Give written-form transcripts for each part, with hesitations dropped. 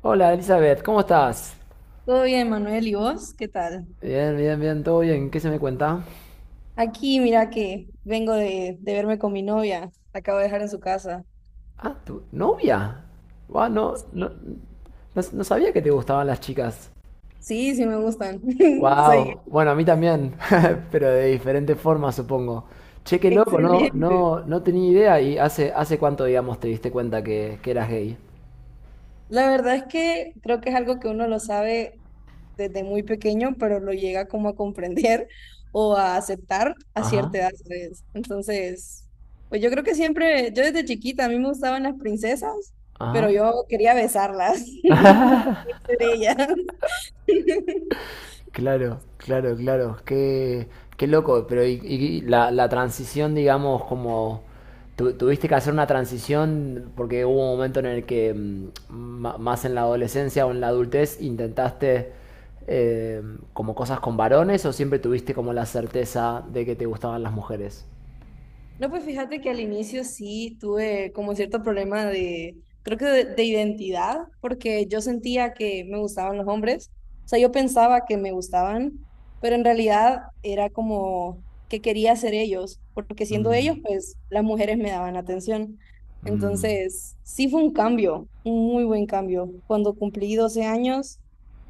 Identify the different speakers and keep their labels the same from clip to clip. Speaker 1: Hola Elizabeth, ¿cómo estás?
Speaker 2: Todo bien, Manuel, ¿y vos? ¿Qué tal?
Speaker 1: Bien, bien, bien, todo bien. ¿Qué se me cuenta?
Speaker 2: Aquí, mira que vengo de verme con mi novia. La acabo de dejar en su casa.
Speaker 1: Ah, ¿tu novia? Guau, no,
Speaker 2: Sí,
Speaker 1: no, no, no sabía que te gustaban las chicas.
Speaker 2: sí, sí, me gustan. Soy
Speaker 1: Wow, bueno, a mí también, pero de diferente forma, supongo. Che, qué loco, no,
Speaker 2: excelente.
Speaker 1: no, no tenía idea. ¿Y hace cuánto, digamos, te diste cuenta que eras gay?
Speaker 2: La verdad es que creo que es algo que uno lo sabe desde muy pequeño, pero lo llega como a comprender o a aceptar a
Speaker 1: Ajá,
Speaker 2: cierta edad, ¿sabes? Entonces, pues yo creo que siempre, yo desde chiquita, a mí me gustaban las princesas, pero
Speaker 1: ajá.
Speaker 2: yo quería besarlas. Ser ella.
Speaker 1: Claro, claro, claro. Qué loco. Pero y la transición, digamos, como tuviste que hacer una transición porque hubo un momento en el que más en la adolescencia o en la adultez intentaste eh, como cosas con varones o siempre tuviste como la certeza de que te gustaban las mujeres.
Speaker 2: No, pues fíjate que al inicio sí tuve como cierto problema de, creo que de identidad, porque yo sentía que me gustaban los hombres, o sea, yo pensaba que me gustaban, pero en realidad era como que quería ser ellos, porque siendo
Speaker 1: Mm,
Speaker 2: ellos, pues las mujeres me daban atención.
Speaker 1: mm.
Speaker 2: Entonces, sí fue un cambio, un muy buen cambio. Cuando cumplí 12 años,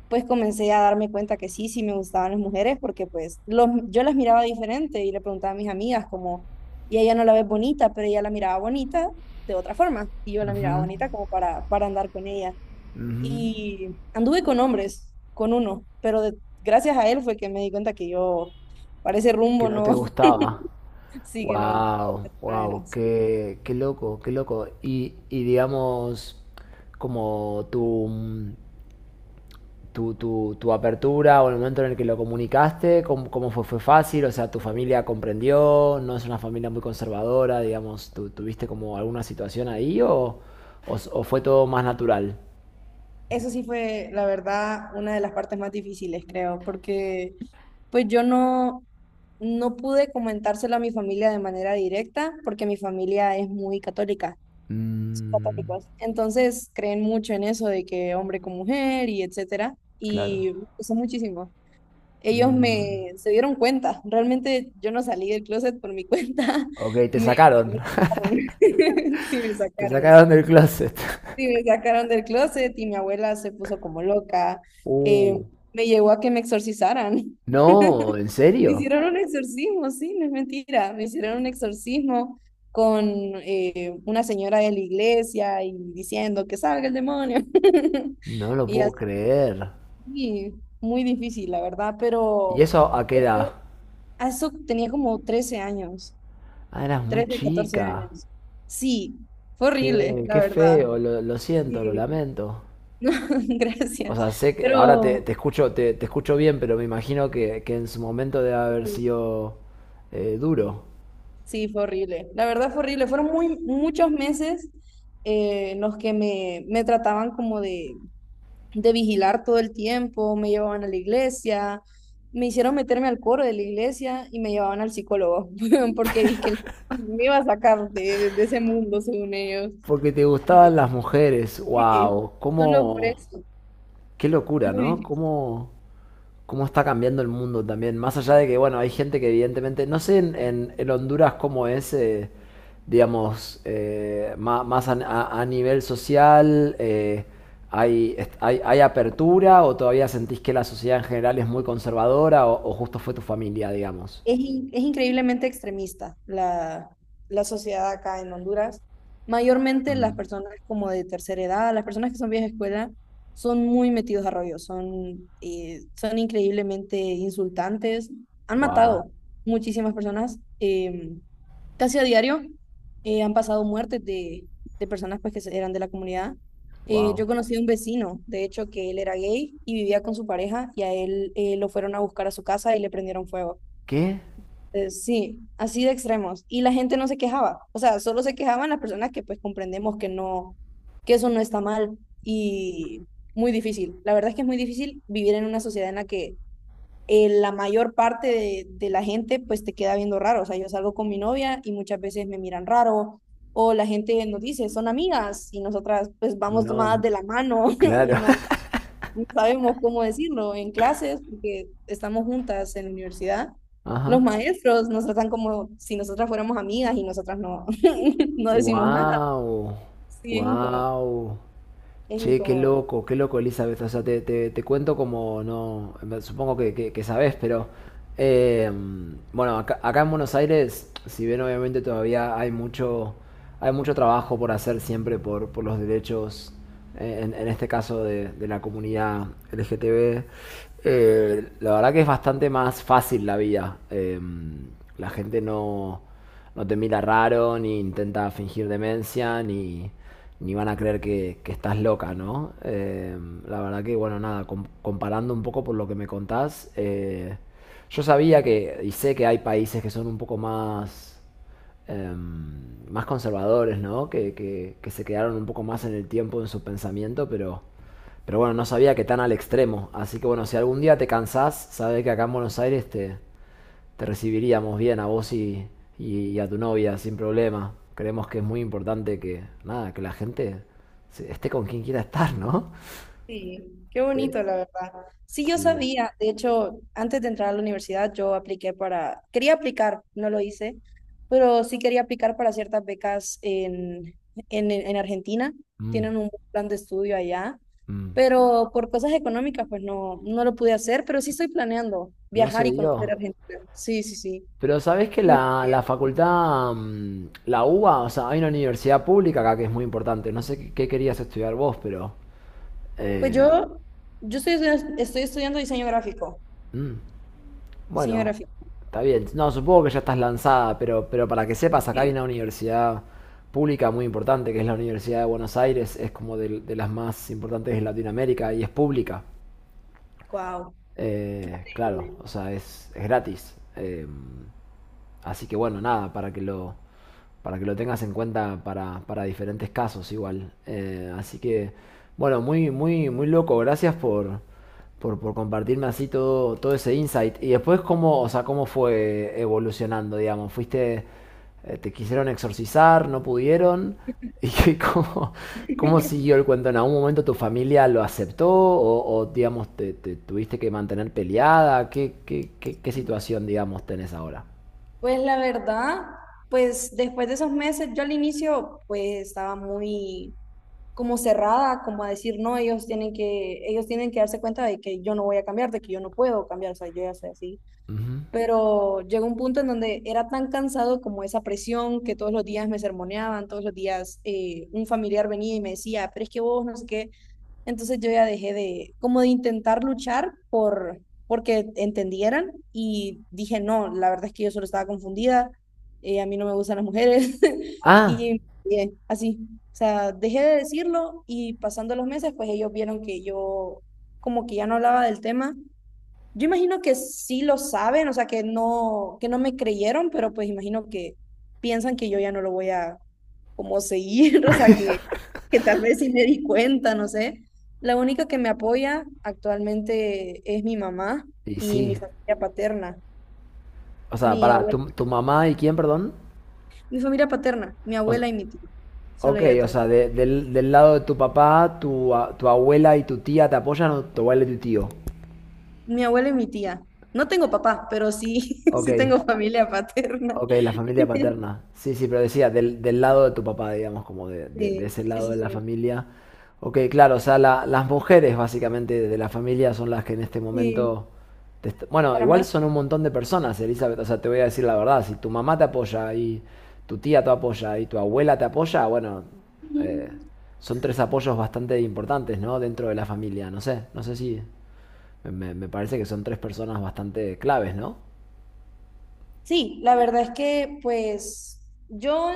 Speaker 2: pues comencé a darme cuenta que sí, sí me gustaban las mujeres, porque pues los, yo las miraba diferente y le preguntaba a mis amigas como y ella no la ve bonita, pero ella la miraba bonita de otra forma y yo la
Speaker 1: Ujú,
Speaker 2: miraba bonita como para andar con ella.
Speaker 1: ujú.
Speaker 2: Y anduve con hombres, con uno, pero gracias a él fue que me di cuenta que yo, para ese
Speaker 1: Que
Speaker 2: rumbo,
Speaker 1: no te
Speaker 2: no,
Speaker 1: gustaba.
Speaker 2: sí que no.
Speaker 1: Wow,
Speaker 2: No era,
Speaker 1: wow,
Speaker 2: sí.
Speaker 1: qué loco, qué loco. Y digamos, como tu, mm, tu apertura o el momento en el que lo comunicaste, ¿cómo fue? ¿Fue fácil? O sea, ¿tu familia comprendió? ¿No es una familia muy conservadora? Digamos, ¿tú tuviste como alguna situación ahí o, o fue todo más natural?
Speaker 2: Eso sí fue, la verdad, una de las partes más difíciles, creo, porque pues yo no, no pude comentárselo a mi familia de manera directa porque mi familia es muy católica.
Speaker 1: Mm,
Speaker 2: Católicos. Entonces creen mucho en eso de que hombre con mujer y etcétera.
Speaker 1: claro.
Speaker 2: Y me gustó muchísimo. Ellos
Speaker 1: Mm.
Speaker 2: me se dieron cuenta. Realmente yo no salí del closet por mi cuenta.
Speaker 1: Ok, te
Speaker 2: Me, me
Speaker 1: sacaron.
Speaker 2: sacaron. Sí, me
Speaker 1: Te
Speaker 2: sacaron.
Speaker 1: sacaron del closet.
Speaker 2: Sí, me sacaron del closet y mi abuela se puso como loca. Eh,
Speaker 1: Uh,
Speaker 2: me llegó a que me exorcizaran.
Speaker 1: no, ¿en
Speaker 2: Me
Speaker 1: serio?
Speaker 2: hicieron un exorcismo, sí, no es mentira. Me hicieron un exorcismo con una señora de la iglesia y diciendo que salga el demonio.
Speaker 1: No lo
Speaker 2: Y
Speaker 1: puedo creer.
Speaker 2: así, muy difícil, la verdad,
Speaker 1: ¿Y
Speaker 2: pero
Speaker 1: eso a qué edad?
Speaker 2: a eso tenía como 13 años,
Speaker 1: Ah, eras muy
Speaker 2: 13, 14
Speaker 1: chica.
Speaker 2: años. Sí, fue horrible,
Speaker 1: Che,
Speaker 2: la
Speaker 1: qué
Speaker 2: verdad.
Speaker 1: feo, lo siento, lo
Speaker 2: Sí,
Speaker 1: lamento.
Speaker 2: no,
Speaker 1: O
Speaker 2: gracias.
Speaker 1: sea, sé que ahora te,
Speaker 2: Pero,
Speaker 1: te escucho, te escucho bien, pero me imagino que en su momento debe haber sido duro.
Speaker 2: sí, fue horrible. La verdad fue horrible. Fueron muy, muchos meses en los que me trataban como de vigilar todo el tiempo, me llevaban a la iglesia, me hicieron meterme al coro de la iglesia y me llevaban al psicólogo, porque dije que el psicólogo me iba a sacar de ese mundo, según ellos.
Speaker 1: Porque te gustaban
Speaker 2: Y,
Speaker 1: las mujeres,
Speaker 2: sí,
Speaker 1: wow,
Speaker 2: solo por
Speaker 1: cómo,
Speaker 2: eso.
Speaker 1: qué locura, ¿no?
Speaker 2: Muy
Speaker 1: ¿Cómo está cambiando el mundo también? Más allá de que, bueno, hay gente que evidentemente, no sé en, en Honduras cómo es, digamos, más, a nivel social, hay apertura o todavía sentís que la sociedad en general es muy conservadora o justo fue tu familia, digamos.
Speaker 2: es, es increíblemente extremista la sociedad acá en Honduras. Mayormente las
Speaker 1: Mm,
Speaker 2: personas como de tercera edad, las personas que son viejas escuela, son muy metidos a rollo, son, son increíblemente insultantes. Han
Speaker 1: wow,
Speaker 2: matado muchísimas personas casi a diario. Eh, han pasado muertes de personas pues, eran de la comunidad.
Speaker 1: wow.
Speaker 2: Yo conocí a un vecino, de hecho, que él era gay y vivía con su pareja y a él lo fueron a buscar a su casa y le prendieron fuego.
Speaker 1: ¿Qué?
Speaker 2: Sí, así de extremos. Y la gente no se quejaba. O sea, solo se quejaban las personas que pues comprendemos que no, que eso no está mal. Y muy difícil. La verdad es que es muy difícil vivir en una sociedad en la que la mayor parte de la gente pues te queda viendo raro. O sea, yo salgo con mi novia y muchas veces me miran raro. O la gente nos dice, son amigas y nosotras pues vamos tomadas
Speaker 1: No,
Speaker 2: de la mano y
Speaker 1: claro.
Speaker 2: no, no sabemos cómo decirlo en clases, porque estamos juntas en la universidad. Los
Speaker 1: Ajá.
Speaker 2: maestros nos tratan como si nosotras fuéramos amigas y nosotras no, no decimos nada.
Speaker 1: Wow,
Speaker 2: Sí, es incómodo,
Speaker 1: wow.
Speaker 2: es
Speaker 1: Che,
Speaker 2: incómodo.
Speaker 1: qué loco, Elizabeth. O sea, te cuento como no. Supongo que sabés, pero. eh, bueno, acá en Buenos Aires, si bien obviamente todavía hay mucho trabajo por hacer siempre por los derechos, en este caso de la comunidad LGTB, la verdad que es bastante más fácil la vida. Em, la gente no te mira raro, ni intenta fingir demencia, ni van a creer que estás loca, ¿no? La verdad que, bueno, nada, comparando un poco por lo que me contás, yo sabía que, y sé que hay países que son un poco más, más conservadores, ¿no? Que se quedaron un poco más en el tiempo, en su pensamiento, pero... Pero bueno, no sabía que tan al extremo. Así que bueno, si algún día te cansás, sabes que acá en Buenos Aires te recibiríamos bien a vos y a tu novia sin problema. Creemos que es muy importante que, nada, que la gente esté con quien quiera estar, ¿no?
Speaker 2: Sí, qué
Speaker 1: Eh,
Speaker 2: bonito, la verdad. Sí, yo
Speaker 1: sí.
Speaker 2: sabía. De hecho, antes de entrar a la universidad, yo apliqué para, quería aplicar, no lo hice, pero sí quería aplicar para ciertas becas en Argentina.
Speaker 1: Mm,
Speaker 2: Tienen un buen plan de estudio allá,
Speaker 1: mm.
Speaker 2: pero por cosas económicas, pues no, no lo pude hacer, pero sí estoy planeando
Speaker 1: No se
Speaker 2: viajar y conocer
Speaker 1: dio.
Speaker 2: Argentina. Sí, sí, sí.
Speaker 1: Pero sabés que
Speaker 2: Muy
Speaker 1: la,
Speaker 2: bien.
Speaker 1: la facultad, la UBA, o sea, hay una universidad pública acá que es muy importante. No sé qué querías estudiar vos, pero...
Speaker 2: Pues
Speaker 1: eh,
Speaker 2: yo estoy, estoy estudiando diseño gráfico.
Speaker 1: mm.
Speaker 2: Diseño
Speaker 1: Bueno,
Speaker 2: gráfico.
Speaker 1: está bien. No, supongo que ya estás lanzada, pero para que sepas, acá hay
Speaker 2: Sí.
Speaker 1: una universidad pública muy importante, que es la Universidad de Buenos Aires, es como de, las más importantes de Latinoamérica y es pública.
Speaker 2: Wow.
Speaker 1: Claro, o sea, es gratis. Así que bueno, nada, para que lo tengas en cuenta para diferentes casos igual. Así que, bueno, muy, muy, muy loco. Gracias por compartirme así todo ese insight. Y después, ¿cómo, o sea, cómo fue evolucionando, digamos? ¿Fuiste, te quisieron exorcizar, no pudieron? ¿Y cómo siguió el cuento? ¿En algún momento tu familia lo aceptó o, digamos, te tuviste que mantener peleada? ¿Qué situación, digamos, tenés ahora?
Speaker 2: Pues la verdad, pues después de esos meses, yo al inicio pues estaba muy como cerrada, como a decir, no, ellos tienen que darse cuenta de que yo no voy a cambiar, de que yo no puedo cambiar, o sea, yo ya soy así.
Speaker 1: Ujú.
Speaker 2: Pero llegó un punto en donde era tan cansado como esa presión que todos los días me sermoneaban, todos los días un familiar venía y me decía, pero es que vos no sé qué, entonces yo ya dejé de, como de intentar luchar por, porque entendieran y dije, no, la verdad es que yo solo estaba confundida, a mí no me gustan las mujeres
Speaker 1: Ah,
Speaker 2: y así, o sea, dejé de decirlo y pasando los meses, pues ellos vieron que yo como que ya no hablaba del tema, yo imagino que sí lo saben, o sea, que no me creyeron, pero pues imagino que piensan que yo ya no lo voy a como seguir, o sea, que tal vez sí me di cuenta, no sé. La única que me apoya actualmente es mi mamá
Speaker 1: y
Speaker 2: y mi
Speaker 1: sí.
Speaker 2: familia paterna,
Speaker 1: O sea,
Speaker 2: mi
Speaker 1: para
Speaker 2: abuela,
Speaker 1: tu mamá y quién, perdón.
Speaker 2: mi familia paterna, mi
Speaker 1: O, s-
Speaker 2: abuela y mi tía, solo
Speaker 1: ok,
Speaker 2: ella
Speaker 1: o
Speaker 2: todo.
Speaker 1: sea, del lado de tu papá, tu abuela y tu tía te apoyan o tu abuela y tu tío.
Speaker 2: Mi abuela y mi tía. No tengo papá, pero sí,
Speaker 1: Ok.
Speaker 2: sí tengo familia paterna.
Speaker 1: Ok, la familia paterna. Sí, sí, pero decía, del lado de tu papá, digamos, como de
Speaker 2: Sí,
Speaker 1: ese
Speaker 2: sí,
Speaker 1: lado
Speaker 2: sí,
Speaker 1: de la
Speaker 2: sí.
Speaker 1: familia. Ok, claro, o sea, las mujeres básicamente de la familia son las que en este
Speaker 2: Sí,
Speaker 1: momento... Bueno,
Speaker 2: para
Speaker 1: igual
Speaker 2: más.
Speaker 1: son un montón de personas, Elizabeth, o sea, te voy a decir la verdad, si tu mamá te apoya y tu tía te apoya y tu abuela te apoya, bueno,
Speaker 2: Ujú.
Speaker 1: eh, son tres apoyos bastante importantes, ¿no? Dentro de la familia, no sé, no sé si... Me parece que son tres personas bastante claves, ¿no?
Speaker 2: Sí, la verdad es que pues yo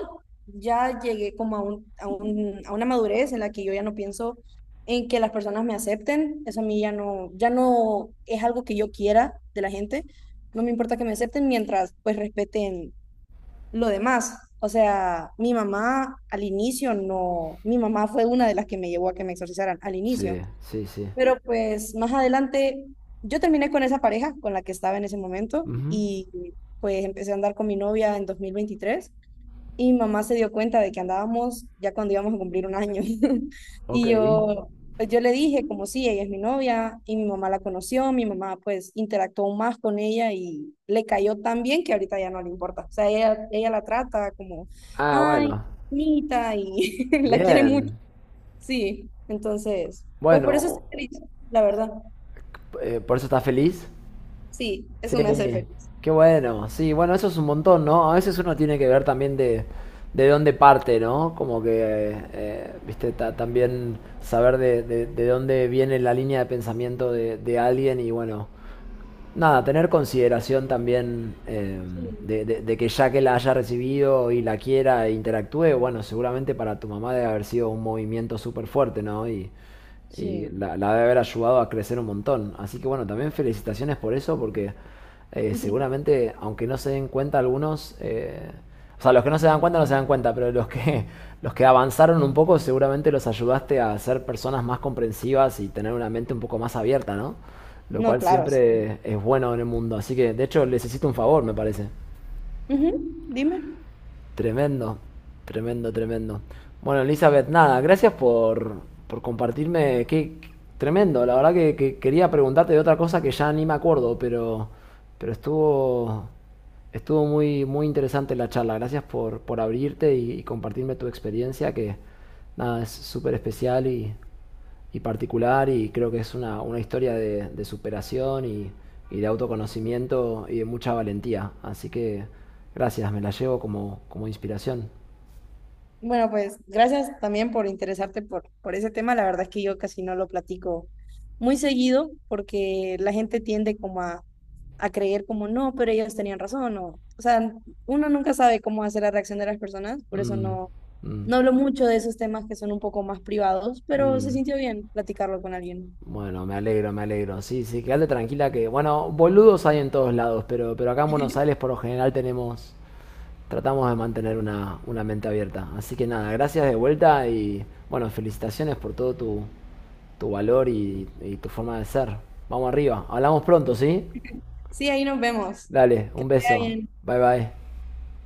Speaker 2: ya llegué como a un, a una madurez en la que yo ya no pienso en que las personas me acepten. Eso a mí ya no, ya no es algo que yo quiera de la gente. No me importa que me acepten mientras pues respeten lo demás. O sea, mi mamá al inicio no, mi mamá fue una de las que me llevó a que me exorcizaran al inicio.
Speaker 1: Sí, sí, sí.
Speaker 2: Pero pues más adelante yo terminé con esa pareja con la que estaba en ese momento
Speaker 1: Ujú.
Speaker 2: y pues empecé a andar con mi novia en 2023 y mi mamá se dio cuenta de que andábamos ya cuando íbamos a cumplir un año.
Speaker 1: Ok.
Speaker 2: Y yo, pues, yo le dije como sí, ella es mi novia y mi mamá la conoció, mi mamá pues interactuó más con ella y le cayó tan bien que ahorita ya no le importa. O sea, ella la trata como,
Speaker 1: Ah,
Speaker 2: ay,
Speaker 1: bueno.
Speaker 2: bonita y la quiere mucho.
Speaker 1: Bien.
Speaker 2: Sí, entonces, pues por eso estoy
Speaker 1: Bueno,
Speaker 2: feliz, la verdad.
Speaker 1: ¿por eso estás feliz?
Speaker 2: Sí,
Speaker 1: Sí.
Speaker 2: eso me hace feliz.
Speaker 1: Qué bueno. Sí, bueno, eso es un montón, ¿no? A veces uno tiene que ver también de dónde parte, ¿no? Como que, viste, también saber de dónde viene la línea de pensamiento de alguien y bueno. Nada, tener consideración también
Speaker 2: Sí.
Speaker 1: de que ya que la haya recibido y la quiera e interactúe, bueno, seguramente para tu mamá debe haber sido un movimiento súper fuerte, ¿no? Y
Speaker 2: Sí.
Speaker 1: la debe haber ayudado a crecer un montón. Así que bueno, también felicitaciones por eso, porque seguramente, aunque no se den cuenta algunos, o sea, los que no se dan cuenta no se dan cuenta, pero los que, los que avanzaron un poco seguramente los ayudaste a ser personas más comprensivas y tener una mente un poco más abierta, ¿no? Lo
Speaker 2: No,
Speaker 1: cual
Speaker 2: claro, sí.
Speaker 1: siempre es bueno en el mundo. Así que, de hecho, les hiciste un favor, me parece.
Speaker 2: Ujú, dime.
Speaker 1: Tremendo, tremendo, tremendo. Bueno, Elizabeth, nada, gracias por compartirme. Tremendo, la verdad que quería preguntarte de otra cosa que ya ni me acuerdo, pero estuvo muy, muy interesante la charla. Gracias por abrirte y compartirme tu experiencia, que nada, es súper especial y particular y creo que es una historia de superación y de autoconocimiento y de mucha valentía. Así que gracias, me la llevo como inspiración.
Speaker 2: Bueno, pues gracias también por interesarte por ese tema. La verdad es que yo casi no lo platico muy seguido porque la gente tiende como a creer como no, pero ellos tenían razón o sea, uno nunca sabe cómo hacer la reacción de las personas, por eso
Speaker 1: Mm,
Speaker 2: no,
Speaker 1: mm,
Speaker 2: no hablo mucho de esos temas que son un poco más privados, pero se
Speaker 1: mm.
Speaker 2: sintió bien platicarlo con alguien.
Speaker 1: Bueno, me alegro, me alegro. Sí, sí, quédate tranquila que, bueno, boludos hay en todos lados, pero acá en Buenos Aires por lo general tenemos... tratamos de mantener una mente abierta. Así que nada, gracias de vuelta y bueno, felicitaciones por todo tu valor y tu forma de ser. Vamos arriba, hablamos pronto, ¿sí?
Speaker 2: Sí, ahí nos vemos.
Speaker 1: Dale, un
Speaker 2: Está
Speaker 1: beso.
Speaker 2: bien.
Speaker 1: Bye bye.